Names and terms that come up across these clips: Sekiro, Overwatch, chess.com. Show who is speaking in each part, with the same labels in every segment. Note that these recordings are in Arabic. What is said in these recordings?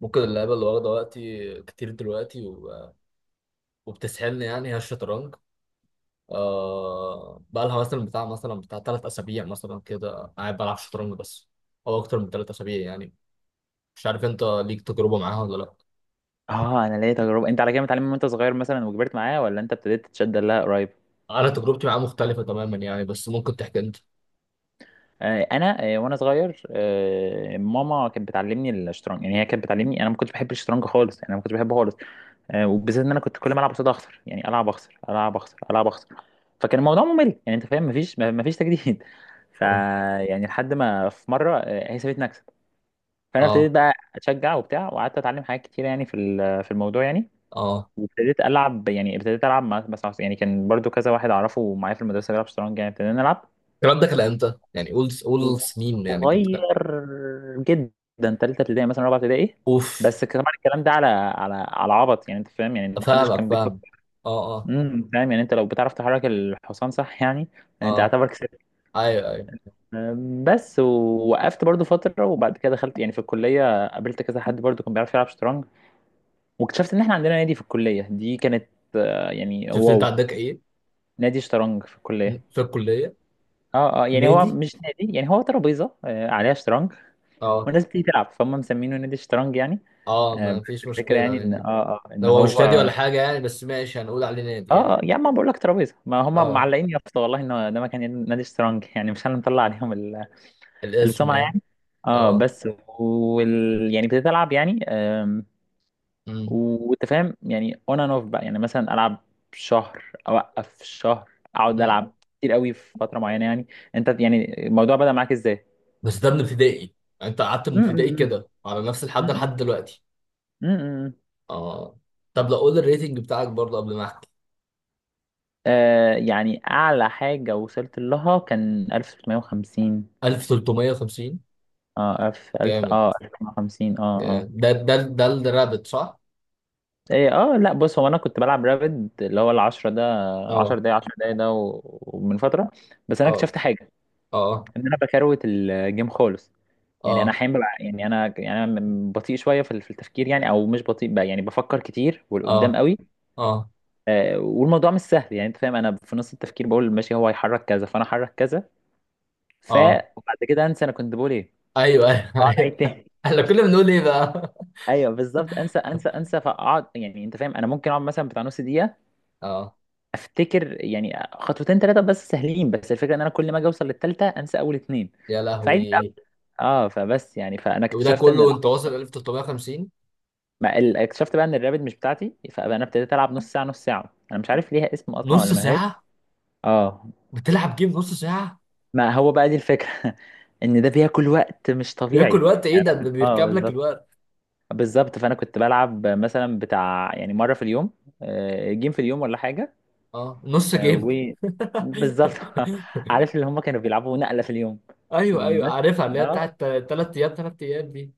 Speaker 1: ممكن اللعبة اللي واخدة وقتي كتير دلوقتي وبتسحلني، يعني هي الشطرنج. بقى لها، مثلا بتاع 3 أسابيع مثلا كده قاعد بلعب شطرنج بس. أو أكتر من 3 أسابيع يعني. مش عارف أنت ليك تجربة معاها ولا لأ؟
Speaker 2: اه انا ليا تجربه. انت على كده متعلم من وانت صغير مثلا وكبرت معاه، ولا انت ابتديت تتشد لها قريب؟
Speaker 1: أنا تجربتي معاها مختلفة تماما يعني، بس ممكن تحكي أنت.
Speaker 2: انا، وانا صغير، ماما كانت بتعلمني الشطرنج، يعني هي كانت بتعلمني. انا ما كنتش بحب الشطرنج خالص، يعني انا ما كنتش بحبه خالص. وبالذات ان انا كنت كل ما العب قصاد اخسر، يعني العب اخسر، العب اخسر، العب اخسر. فكان الموضوع ممل، يعني انت فاهم، مفيش تجديد
Speaker 1: أه.
Speaker 2: يعني لحد ما في مره هي سابتني اكسب. فانا ابتديت
Speaker 1: أه.
Speaker 2: بقى اتشجع وبتاع، وقعدت اتعلم حاجات كتيره يعني في في الموضوع يعني.
Speaker 1: آه.
Speaker 2: وابتديت العب، يعني ابتديت العب مع بس مع- يعني كان برضو كذا واحد اعرفه معايا في المدرسه بيلعب شطرنج، يعني ابتدينا نلعب.
Speaker 1: الكلام ده كان إمتى؟ يعني قول قول سنين يعني كنت كده.
Speaker 2: صغير جدا، تالتة ابتدائي مثلا، رابعة ابتدائي.
Speaker 1: أوف.
Speaker 2: بس طبعا الكلام ده على عبط، يعني انت فاهم، يعني محدش
Speaker 1: أفهمك،
Speaker 2: كان
Speaker 1: فاهم.
Speaker 2: بيفكر.
Speaker 1: أه، أه.
Speaker 2: فاهم، يعني انت لو بتعرف تحرك الحصان صح، يعني انت
Speaker 1: أه،
Speaker 2: اعتبر كسبت.
Speaker 1: أيوه، أيوه.
Speaker 2: بس ووقفت برضو فترة، وبعد كده دخلت يعني في الكلية، قابلت كذا حد برضو كان بيعرف يلعب شطرنج. واكتشفت ان احنا عندنا نادي في الكلية. دي كانت يعني
Speaker 1: شفت أنت
Speaker 2: واو،
Speaker 1: عندك إيه؟
Speaker 2: نادي شطرنج في الكلية.
Speaker 1: في الكلية.
Speaker 2: اه اه، يعني هو
Speaker 1: نادي.
Speaker 2: مش نادي، يعني هو ترابيزه عليها شطرنج
Speaker 1: اه،
Speaker 2: والناس بتيجي تلعب، فهم مسمينه نادي الشطرنج يعني.
Speaker 1: اه، ما
Speaker 2: بس
Speaker 1: فيش
Speaker 2: الفكره يعني
Speaker 1: مشكلة
Speaker 2: ان
Speaker 1: يعني.
Speaker 2: اه ان
Speaker 1: لو هو
Speaker 2: هو
Speaker 1: استادي ولا حاجة يعني، بس ماشي هنقول عليه نادي يعني.
Speaker 2: اه، يعني ما بقول لك، ترابيزه ما هم
Speaker 1: اه،
Speaker 2: معلقين يا اسطى والله ان ده مكان نادي الشطرنج يعني مش انا مطلع عليهم
Speaker 1: الاسم
Speaker 2: السمعه
Speaker 1: يعني.
Speaker 2: يعني. اه
Speaker 1: اه.
Speaker 2: بس. وال يعني ابتديت العب يعني،
Speaker 1: امم
Speaker 2: وانت فاهم يعني اون اند اوف بقى، يعني مثلا العب شهر، اوقف شهر، اقعد
Speaker 1: امم
Speaker 2: العب كتير قوي في فتره معينه يعني. انت يعني الموضوع بدأ معاك ازاي؟
Speaker 1: بس. ده من ابتدائي. يعني انت قعدت من ابتدائي كده على نفس الحد لحد دلوقتي؟
Speaker 2: م-م.
Speaker 1: اه. طب لو قول الريتنج بتاعك برضه قبل ما احكي.
Speaker 2: يعني أعلى حاجة وصلت لها كان 1650.
Speaker 1: 1350.
Speaker 2: اه ألف ألف
Speaker 1: جامد.
Speaker 2: اه 1050 اه.
Speaker 1: جامد.
Speaker 2: اه
Speaker 1: ده الرابط صح؟
Speaker 2: ايه. اه لا، بص، هو انا كنت بلعب رابد، اللي هو العشرة ده، عشر
Speaker 1: اه،
Speaker 2: دقايق، عشر دقايق ده ومن فترة. بس انا
Speaker 1: اه،
Speaker 2: اكتشفت حاجة،
Speaker 1: اه،
Speaker 2: ان انا بكروت الجيم خالص. يعني انا
Speaker 1: اه،
Speaker 2: احيانا يعني انا، يعني انا بطيء شوية في في التفكير، يعني او مش بطيء بقى، يعني بفكر كتير والقدام
Speaker 1: اه،
Speaker 2: قوي.
Speaker 1: اه،
Speaker 2: والموضوع مش سهل، يعني انت فاهم، انا في نص التفكير بقول ماشي هو هيحرك كذا، فانا احرك كذا. ف
Speaker 1: اه.
Speaker 2: وبعد كده انسى انا كنت بقول ايه.
Speaker 1: ايوه، ايوه،
Speaker 2: اقعد اعيد
Speaker 1: ايوه.
Speaker 2: تاني.
Speaker 1: احنا كنا بنقول ايه بقى؟
Speaker 2: ايوه بالظبط، انسى انسى انسى، فاقعد يعني انت فاهم، انا ممكن اقعد مثلا بتاع نص دقيقه،
Speaker 1: اه.
Speaker 2: افتكر يعني خطوتين ثلاثه بس سهلين. بس الفكره ان انا كل ما اجي اوصل للثالثه، انسى اول اتنين،
Speaker 1: يا
Speaker 2: فعيد الأول.
Speaker 1: لهوي.
Speaker 2: اه فبس يعني فانا
Speaker 1: وده
Speaker 2: اكتشفت
Speaker 1: كله
Speaker 2: ان
Speaker 1: وانت واصل 1350؟
Speaker 2: ما ال- اكتشفت بقى ان الرابد مش بتاعتي، فانا ابتديت العب نص ساعه، نص ساعه. انا مش عارف ليها اسم اصلا
Speaker 1: نص
Speaker 2: ولا ملهاش.
Speaker 1: ساعة.
Speaker 2: اه
Speaker 1: بتلعب جيم نص ساعة؟
Speaker 2: ما هو بقى دي الفكره ان ده بياكل وقت مش طبيعي.
Speaker 1: بياكل وقت ايه؟
Speaker 2: يعني
Speaker 1: ده
Speaker 2: أنا
Speaker 1: ده
Speaker 2: كنت- اه
Speaker 1: بيركب لك
Speaker 2: بالظبط،
Speaker 1: الوقت.
Speaker 2: بالظبط. فانا كنت بلعب مثلا بتاع يعني مره في اليوم، جيم في اليوم ولا حاجه.
Speaker 1: اه، نص
Speaker 2: آه،
Speaker 1: جيم.
Speaker 2: و بالظبط عارف اللي هم كانوا بيلعبوا نقله في اليوم.
Speaker 1: ايوه، ايوه،
Speaker 2: بس
Speaker 1: عارفها اللي
Speaker 2: يعني
Speaker 1: هي بتاعت. 3 ايام، 3 ايام دي.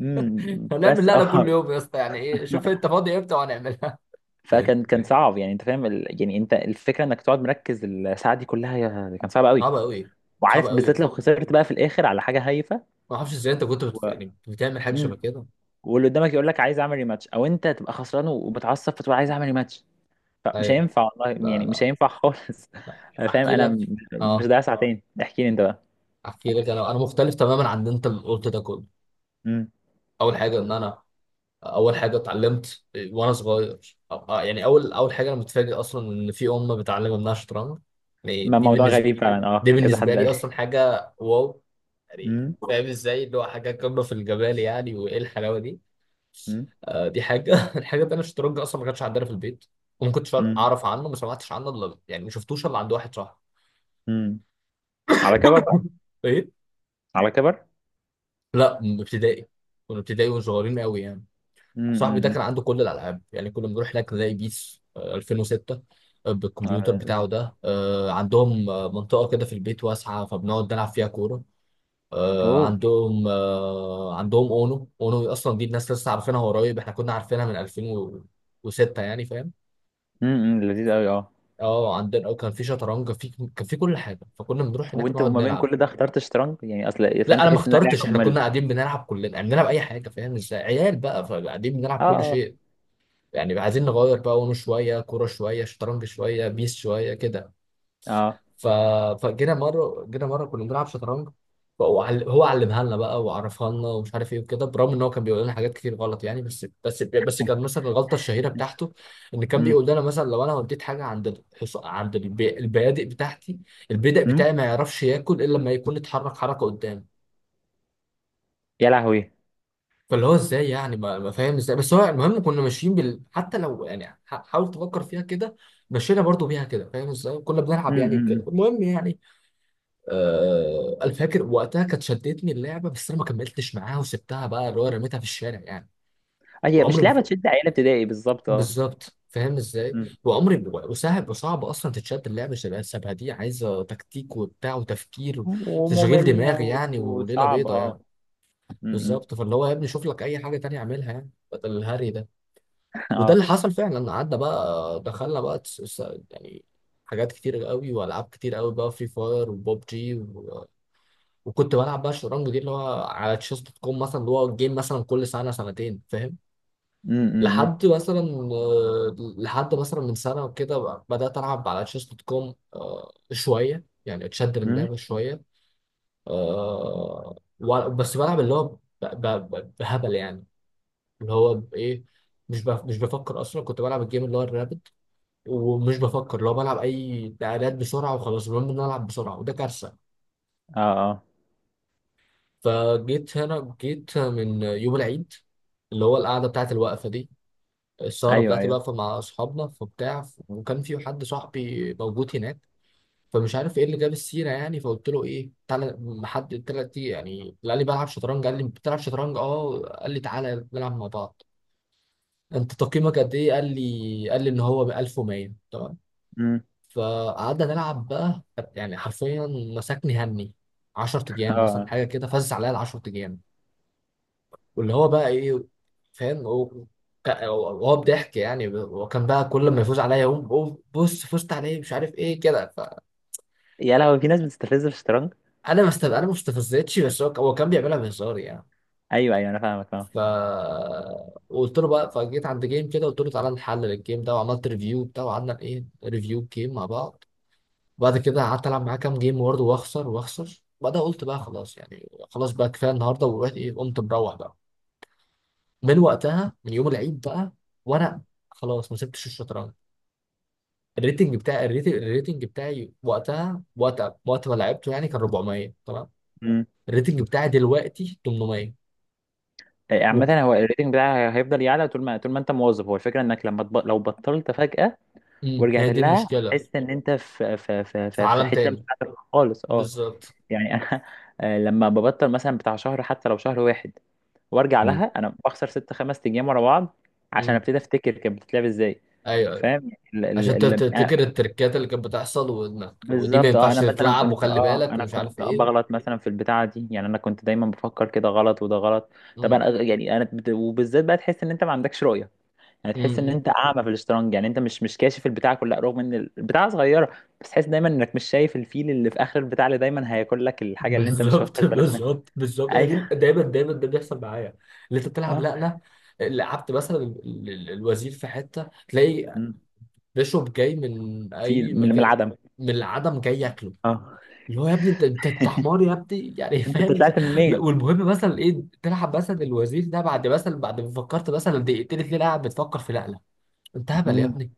Speaker 2: امم
Speaker 1: هنعمل
Speaker 2: بس
Speaker 1: لقلة
Speaker 2: اه
Speaker 1: كل يوم يا اسطى، يعني ايه شوف انت فاضي امتى وهنعملها.
Speaker 2: فكان صعب، يعني انت فاهم يعني انت الفكره انك تقعد مركز الساعه دي كلها، كان صعب قوي.
Speaker 1: صعبة قوي. صعبة
Speaker 2: وعارف
Speaker 1: قوي.
Speaker 2: بالذات لو خسرت بقى في الاخر على حاجه هايفه.
Speaker 1: ما اعرفش ازاي انت كنت
Speaker 2: و...
Speaker 1: يعني بتعمل حاجة شبه
Speaker 2: مم.
Speaker 1: كده.
Speaker 2: واللي قدامك يقول لك عايز اعمل ريماتش، او انت تبقى خسران ومتعصب فتقول عايز اعمل ريماتش. مش
Speaker 1: ايوه.
Speaker 2: هينفع والله،
Speaker 1: لا،
Speaker 2: يعني مش
Speaker 1: لا.
Speaker 2: هينفع خالص فاهم
Speaker 1: احكي
Speaker 2: انا
Speaker 1: لك.
Speaker 2: مش
Speaker 1: اه.
Speaker 2: ضايع ساعتين. احكي لي انت بقى.
Speaker 1: احكي لك، انا مختلف تماما عن اللي انت قلت ده كله.
Speaker 2: امم
Speaker 1: اول حاجة ان انا. اول حاجه اتعلمت وانا صغير. يعني اول حاجه، انا متفاجئ اصلا ان في امه بتعلم ابنها شطرنج. يعني
Speaker 2: ما
Speaker 1: دي
Speaker 2: موضوع
Speaker 1: بالنسبه.
Speaker 2: غريب فعلا،
Speaker 1: دي
Speaker 2: كذا
Speaker 1: بالنسبه
Speaker 2: حد قال
Speaker 1: لي
Speaker 2: لي.
Speaker 1: اصلا حاجه واو. يعني.
Speaker 2: امم،
Speaker 1: فاهم ازاي، اللي هو حاجه قمه في الجمال يعني، وايه الحلاوه دي.
Speaker 2: امم،
Speaker 1: آه، دي حاجه. الحاجه التانيه، الشطرنج اصلا ما كانش عندنا في البيت. وما كنتش
Speaker 2: امم،
Speaker 1: اعرف عنه، ما سمعتش عنه الا، يعني ما شفتوش الا عند واحد صاحبي.
Speaker 2: أمم. على كبر بقى.
Speaker 1: ايه.
Speaker 2: على كبر.
Speaker 1: لا، من ابتدائي. كنا ابتدائي وصغيرين قوي يعني.
Speaker 2: امم،
Speaker 1: صاحبي ده
Speaker 2: امم،
Speaker 1: كان عنده كل الالعاب، يعني كنا بنروح هناك نلاقي بيس 2006. بالكمبيوتر
Speaker 2: آه،
Speaker 1: بتاعه ده، عندهم منطقه كده في البيت واسعه، فبنقعد نلعب فيها كوره.
Speaker 2: اوه،
Speaker 1: عندهم اونو، اونو اصلا دي الناس لسه عارفينها قريب، احنا كنا عارفينها من 2006 يعني فاهم.
Speaker 2: امم، أمم، لذيذ قوي اه.
Speaker 1: اه، عندنا، كان في شطرنج في. كان في كل حاجه، فكنا بنروح هناك
Speaker 2: وانت
Speaker 1: نقعد
Speaker 2: وما بين
Speaker 1: نلعب.
Speaker 2: كل ده اخترت شطرنج يعني، اصل فاهم
Speaker 1: لا انا ما
Speaker 2: تحس انها
Speaker 1: اخترتش،
Speaker 2: لعبه
Speaker 1: احنا
Speaker 2: ممله.
Speaker 1: كنا قاعدين بنلعب كلنا يعني بنلعب اي حاجه فاهم ازاي؟ عيال بقى فقاعدين بنلعب كل
Speaker 2: اه
Speaker 1: شيء. يعني عايزين نغير بقى ونه، شويه كوره، شويه شطرنج، شويه بيس، شويه كده.
Speaker 2: اه،
Speaker 1: ف... فجينا مره كنا بنلعب شطرنج. فهو عل- هو علمها لنا بقى وعرفها لنا ومش عارف ايه وكده، برغم ان هو كان بيقول لنا حاجات كتير غلط يعني، بس كان مثلا الغلطه الشهيره بتاعته. ان كان
Speaker 2: امم
Speaker 1: بيقول لنا مثلا لو انا وديت حاجه عند البيادق بتاعتي. البيدق
Speaker 2: امم،
Speaker 1: بتاعي ما يعرفش ياكل الا لما يكون اتحرك حركه قدام.
Speaker 2: يا لهوي،
Speaker 1: فاللي هو ازاي يعني؟ ما فاهم ازاي، بس هو المهم كنا ماشيين بال، حتى لو يعني حاول تفكر فيها كده. مشينا برضو بيها كده، فاهم ازاي كنا بنلعب يعني وكده
Speaker 2: امم.
Speaker 1: المهم يعني. انا فاكر وقتها كانت شدتني اللعبه، بس انا ما كملتش معاها وسبتها بقى اللي هو رميتها في الشارع يعني.
Speaker 2: هي
Speaker 1: وعمري
Speaker 2: مش
Speaker 1: ما
Speaker 2: لعبه تشد عيال ابتدائي بالظبط اه.
Speaker 1: بالظبط فاهم ازاي،
Speaker 2: أمم.
Speaker 1: وعمري ما- وسهل وصعب اصلا تتشد اللعبه، شبه شبه دي عايزه تكتيك وبتاع وتفكير. وتشغيل دماغ
Speaker 2: وممله.
Speaker 1: يعني، وليله
Speaker 2: وصعب
Speaker 1: بيضه يعني.
Speaker 2: اه. امم
Speaker 1: بالظبط، فاللي هو يا ابني شوف لك اي حاجه تانية اعملها يعني، بدل الهري ده. وده
Speaker 2: اه.
Speaker 1: اللي حصل فعلا، قعدنا بقى دخلنا بقى يعني. حاجات كتير قوي والعاب كتير قوي بقى، فري فاير وبوب جي وكنت بلعب بقى الشطرنج دي اللي هو على تشيس دوت كوم مثلا، اللي هو جيم مثلا كل سنه سنتين فاهم.
Speaker 2: امم
Speaker 1: لحد مثلا. لحد مثلا من سنه وكده، بدات العب على تشيس دوت كوم شويه، يعني اتشد من
Speaker 2: امم.
Speaker 1: اللعبه شويه. بس بلعب اللي هو بهبل يعني. اللي هو بايه. مش بفكر اصلا، كنت بلعب الجيم اللي هو الرابد. ومش بفكر لو بلعب اي تعادلات بسرعه وخلاص، المهم ان أنا العب بسرعه وده كارثه.
Speaker 2: اه اه.
Speaker 1: فجيت هنا، جيت من يوم العيد. اللي هو القعده بتاعت الوقفه دي. السهره
Speaker 2: ايوه
Speaker 1: بتاعت
Speaker 2: ايوه.
Speaker 1: الوقفه مع اصحابنا فبتاع، وكان في حد صاحبي موجود هناك. فمش عارف ايه اللي جاب السيره يعني، فقلت له ايه تعالى. حد تلاتي يعني، قال لي بلعب شطرنج، قال لي بتلعب شطرنج اه، قال لي تعالى نلعب مع بعض. انت تقييمك قد ايه؟ قال لي، قال لي ان هو 1100، تمام.
Speaker 2: امم.
Speaker 1: فقعدنا نلعب بقى. يعني حرفيا. مسكني همي. 10
Speaker 2: اه.
Speaker 1: ايام مثلا
Speaker 2: آه.
Speaker 1: حاجه كده، فزع عليا ال 10 ايام. واللي هو بقى ايه؟ فاهم هو. هو بضحك يعني، وكان بقى كل ما يفوز عليا يقوم بص فزت عليه، مش عارف ايه كده.
Speaker 2: يا لهوي، في ناس بتستفز في الشطرنج.
Speaker 1: فانا ما است- انا ما استفزتش، بس هو كان بيعملها بهزار يعني.
Speaker 2: ايوه ايوه، انا فاهمك، فاهم.
Speaker 1: ف قلت له بقى، فجيت عند جيم كده قلت له تعالى نحلل الجيم ده، وعملت ريفيو بتاعه، وقعدنا ايه ريفيو الجيم مع بعض. وبعد كده قعدت العب معاه كام جيم برضه واخسر واخسر، وبعدها قلت بقى خلاص يعني، خلاص بقى كفايه النهارده، ورحت ايه قمت مروح بقى. من وقتها من يوم العيد بقى. وانا. خلاص ما سبتش الشطرنج. الريتنج بتاعي وقتها وقت ما لعبته يعني كان 400، تمام.
Speaker 2: امم.
Speaker 1: الريتنج بتاعي دلوقتي 800. و...
Speaker 2: عامة هو الريتنج بتاعها هيفضل يعلى، طول ما طول ما انت مواظب. هو الفكرة انك لما لو بطلت فجأة
Speaker 1: مم. هي
Speaker 2: ورجعت
Speaker 1: دي
Speaker 2: لها،
Speaker 1: المشكله.
Speaker 2: هتحس ان انت في في في
Speaker 1: في
Speaker 2: في, في
Speaker 1: عالم
Speaker 2: حتة مش
Speaker 1: تاني.
Speaker 2: بتاعتك خالص اه.
Speaker 1: بالظبط.
Speaker 2: يعني انا، لما ببطل مثلا بتاع شهر، حتى لو شهر واحد، وارجع
Speaker 1: مم.
Speaker 2: لها، انا بخسر ست خمس ايام ورا بعض، عشان
Speaker 1: امم.
Speaker 2: ابتدي افتكر كانت بتتلعب ازاي.
Speaker 1: ايوه، ايوه.
Speaker 2: فاهم
Speaker 1: عشان تفتكر
Speaker 2: ال-.
Speaker 1: التركات اللي كانت بتحصل وانك ودي ما
Speaker 2: بالظبط اه،
Speaker 1: ينفعش
Speaker 2: انا مثلا
Speaker 1: تتلعب
Speaker 2: كنت
Speaker 1: وخلي
Speaker 2: اه
Speaker 1: بالك
Speaker 2: انا
Speaker 1: ومش عارف
Speaker 2: كنت
Speaker 1: ايه.
Speaker 2: بغلط مثلا في البتاعه دي، يعني انا كنت دايما بفكر كده غلط وده غلط. طب
Speaker 1: امم،
Speaker 2: انا يعني انا وبالذات بقى تحس ان انت ما عندكش رؤيه، يعني تحس ان
Speaker 1: امم.
Speaker 2: انت اعمى في الشطرنج، يعني انت مش كاشف البتاعه كلها، رغم ان البتاعه صغيره. بس تحس دايما انك مش شايف الفيل اللي في اخر البتاع، اللي دايما هياكل لك الحاجه اللي انت مش واخد
Speaker 1: بالظبط،
Speaker 2: بالك منها.
Speaker 1: بالظبط، بالظبط، هي دي
Speaker 2: ايوه.
Speaker 1: دايما، دايما ده بيحصل معايا. اللي انت بتلعب. لا،
Speaker 2: اه.
Speaker 1: لا. لعبت مثلا الوزير في حته تلاقي.
Speaker 2: مم.
Speaker 1: بيشوب جاي من اي
Speaker 2: فيل من
Speaker 1: مكان.
Speaker 2: العدم.
Speaker 1: من العدم جاي ياكله.
Speaker 2: اه
Speaker 1: اللي هو يا ابني انت حمار يا ابني يعني.
Speaker 2: انت
Speaker 1: فاهم ازاي؟
Speaker 2: طلعت
Speaker 1: لا
Speaker 2: منين!
Speaker 1: والمهم مثلا ايه، تلعب مثلا الوزير ده بعد مثلا، بعد ما فكرت مثلا دقيقتين اتنين قاعد بتفكر في، لا، لا. انت هبل يا ابني.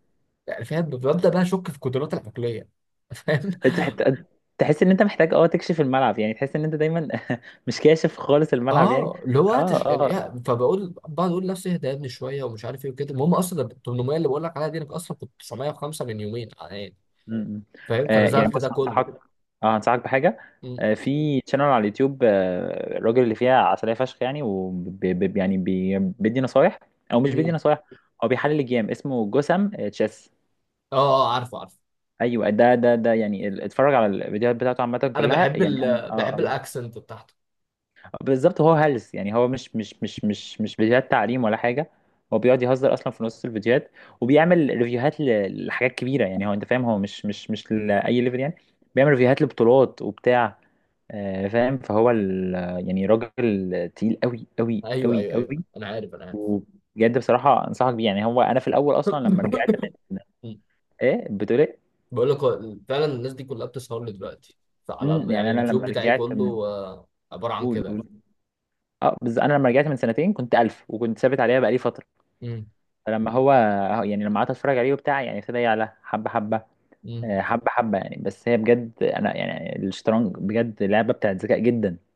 Speaker 1: يعني فاهم، ببدا بقى اشك في قدراتي العقليه. فاهم.
Speaker 2: انت حت- تحس ان انت محتاج اه تكشف الملعب، يعني تحس ان انت دايما مش كاشف خالص الملعب يعني.
Speaker 1: اه اللي هو
Speaker 2: اه
Speaker 1: هتش يعني
Speaker 2: اه
Speaker 1: إيه، فبقول بقعد اقول لنفسي اهدى يا ابني شويه ومش عارف ايه وكده، المهم اصلا ال 800 اللي بقول لك عليها دي، انا اصلا كنت 905 من يومين يعني.
Speaker 2: م- م.
Speaker 1: فاهم،
Speaker 2: يعني
Speaker 1: فنزلت
Speaker 2: بص
Speaker 1: ده كله.
Speaker 2: هنصحك، اه هنصحك بحاجه.
Speaker 1: م-
Speaker 2: في شانل على اليوتيوب، الراجل اللي فيها عسليه فشخ يعني، يعني بيدي نصايح او مش بيدي
Speaker 1: مين؟
Speaker 2: نصايح. هو بيحلل الجيم. اسمه جسم تشيس.
Speaker 1: اه، اه، عارفه، عارفه.
Speaker 2: ايوه، ده يعني اتفرج على الفيديوهات بتاعته عامه
Speaker 1: انا
Speaker 2: كلها يعني انا اه
Speaker 1: بحب
Speaker 2: آه.
Speaker 1: الاكسنت بتاعته.
Speaker 2: بالظبط، هو هلس يعني، هو مش فيديوهات تعليم ولا حاجه. هو بيقعد يهزر اصلا في نص الفيديوهات، وبيعمل ريفيوهات لحاجات كبيره، يعني هو انت فاهم، هو مش لاي ليفل يعني، بيعمل ريفيوهات لبطولات وبتاع. فاهم يعني راجل تقيل قوي قوي
Speaker 1: ايوه،
Speaker 2: قوي
Speaker 1: ايوه، ايوه،
Speaker 2: قوي.
Speaker 1: انا عارف، انا عارف.
Speaker 2: وبجد بصراحه انصحك بيه، يعني هو انا في الاول اصلا لما رجعت من،
Speaker 1: م.
Speaker 2: ايه بتقول ايه؟
Speaker 1: بقول لك، هو فعلا الناس دي كلها بتسهر لي دلوقتي. فعلى يعني
Speaker 2: يعني انا
Speaker 1: اليوتيوب
Speaker 2: لما
Speaker 1: بتاعي
Speaker 2: رجعت
Speaker 1: كله
Speaker 2: من،
Speaker 1: عباره عن
Speaker 2: قول
Speaker 1: كده يعني.
Speaker 2: قول. اه انا لما رجعت من سنتين كنت 1000، وكنت ثابت عليها بقالي فتره.
Speaker 1: م.
Speaker 2: فلما هو يعني لما قعدت اتفرج عليه وبتاع، يعني ابتدى يعلى حبه حبه،
Speaker 1: م.
Speaker 2: حبه حبه يعني. بس هي بجد انا يعني الشطرنج بجد لعبه بتاعت ذكاء جدا.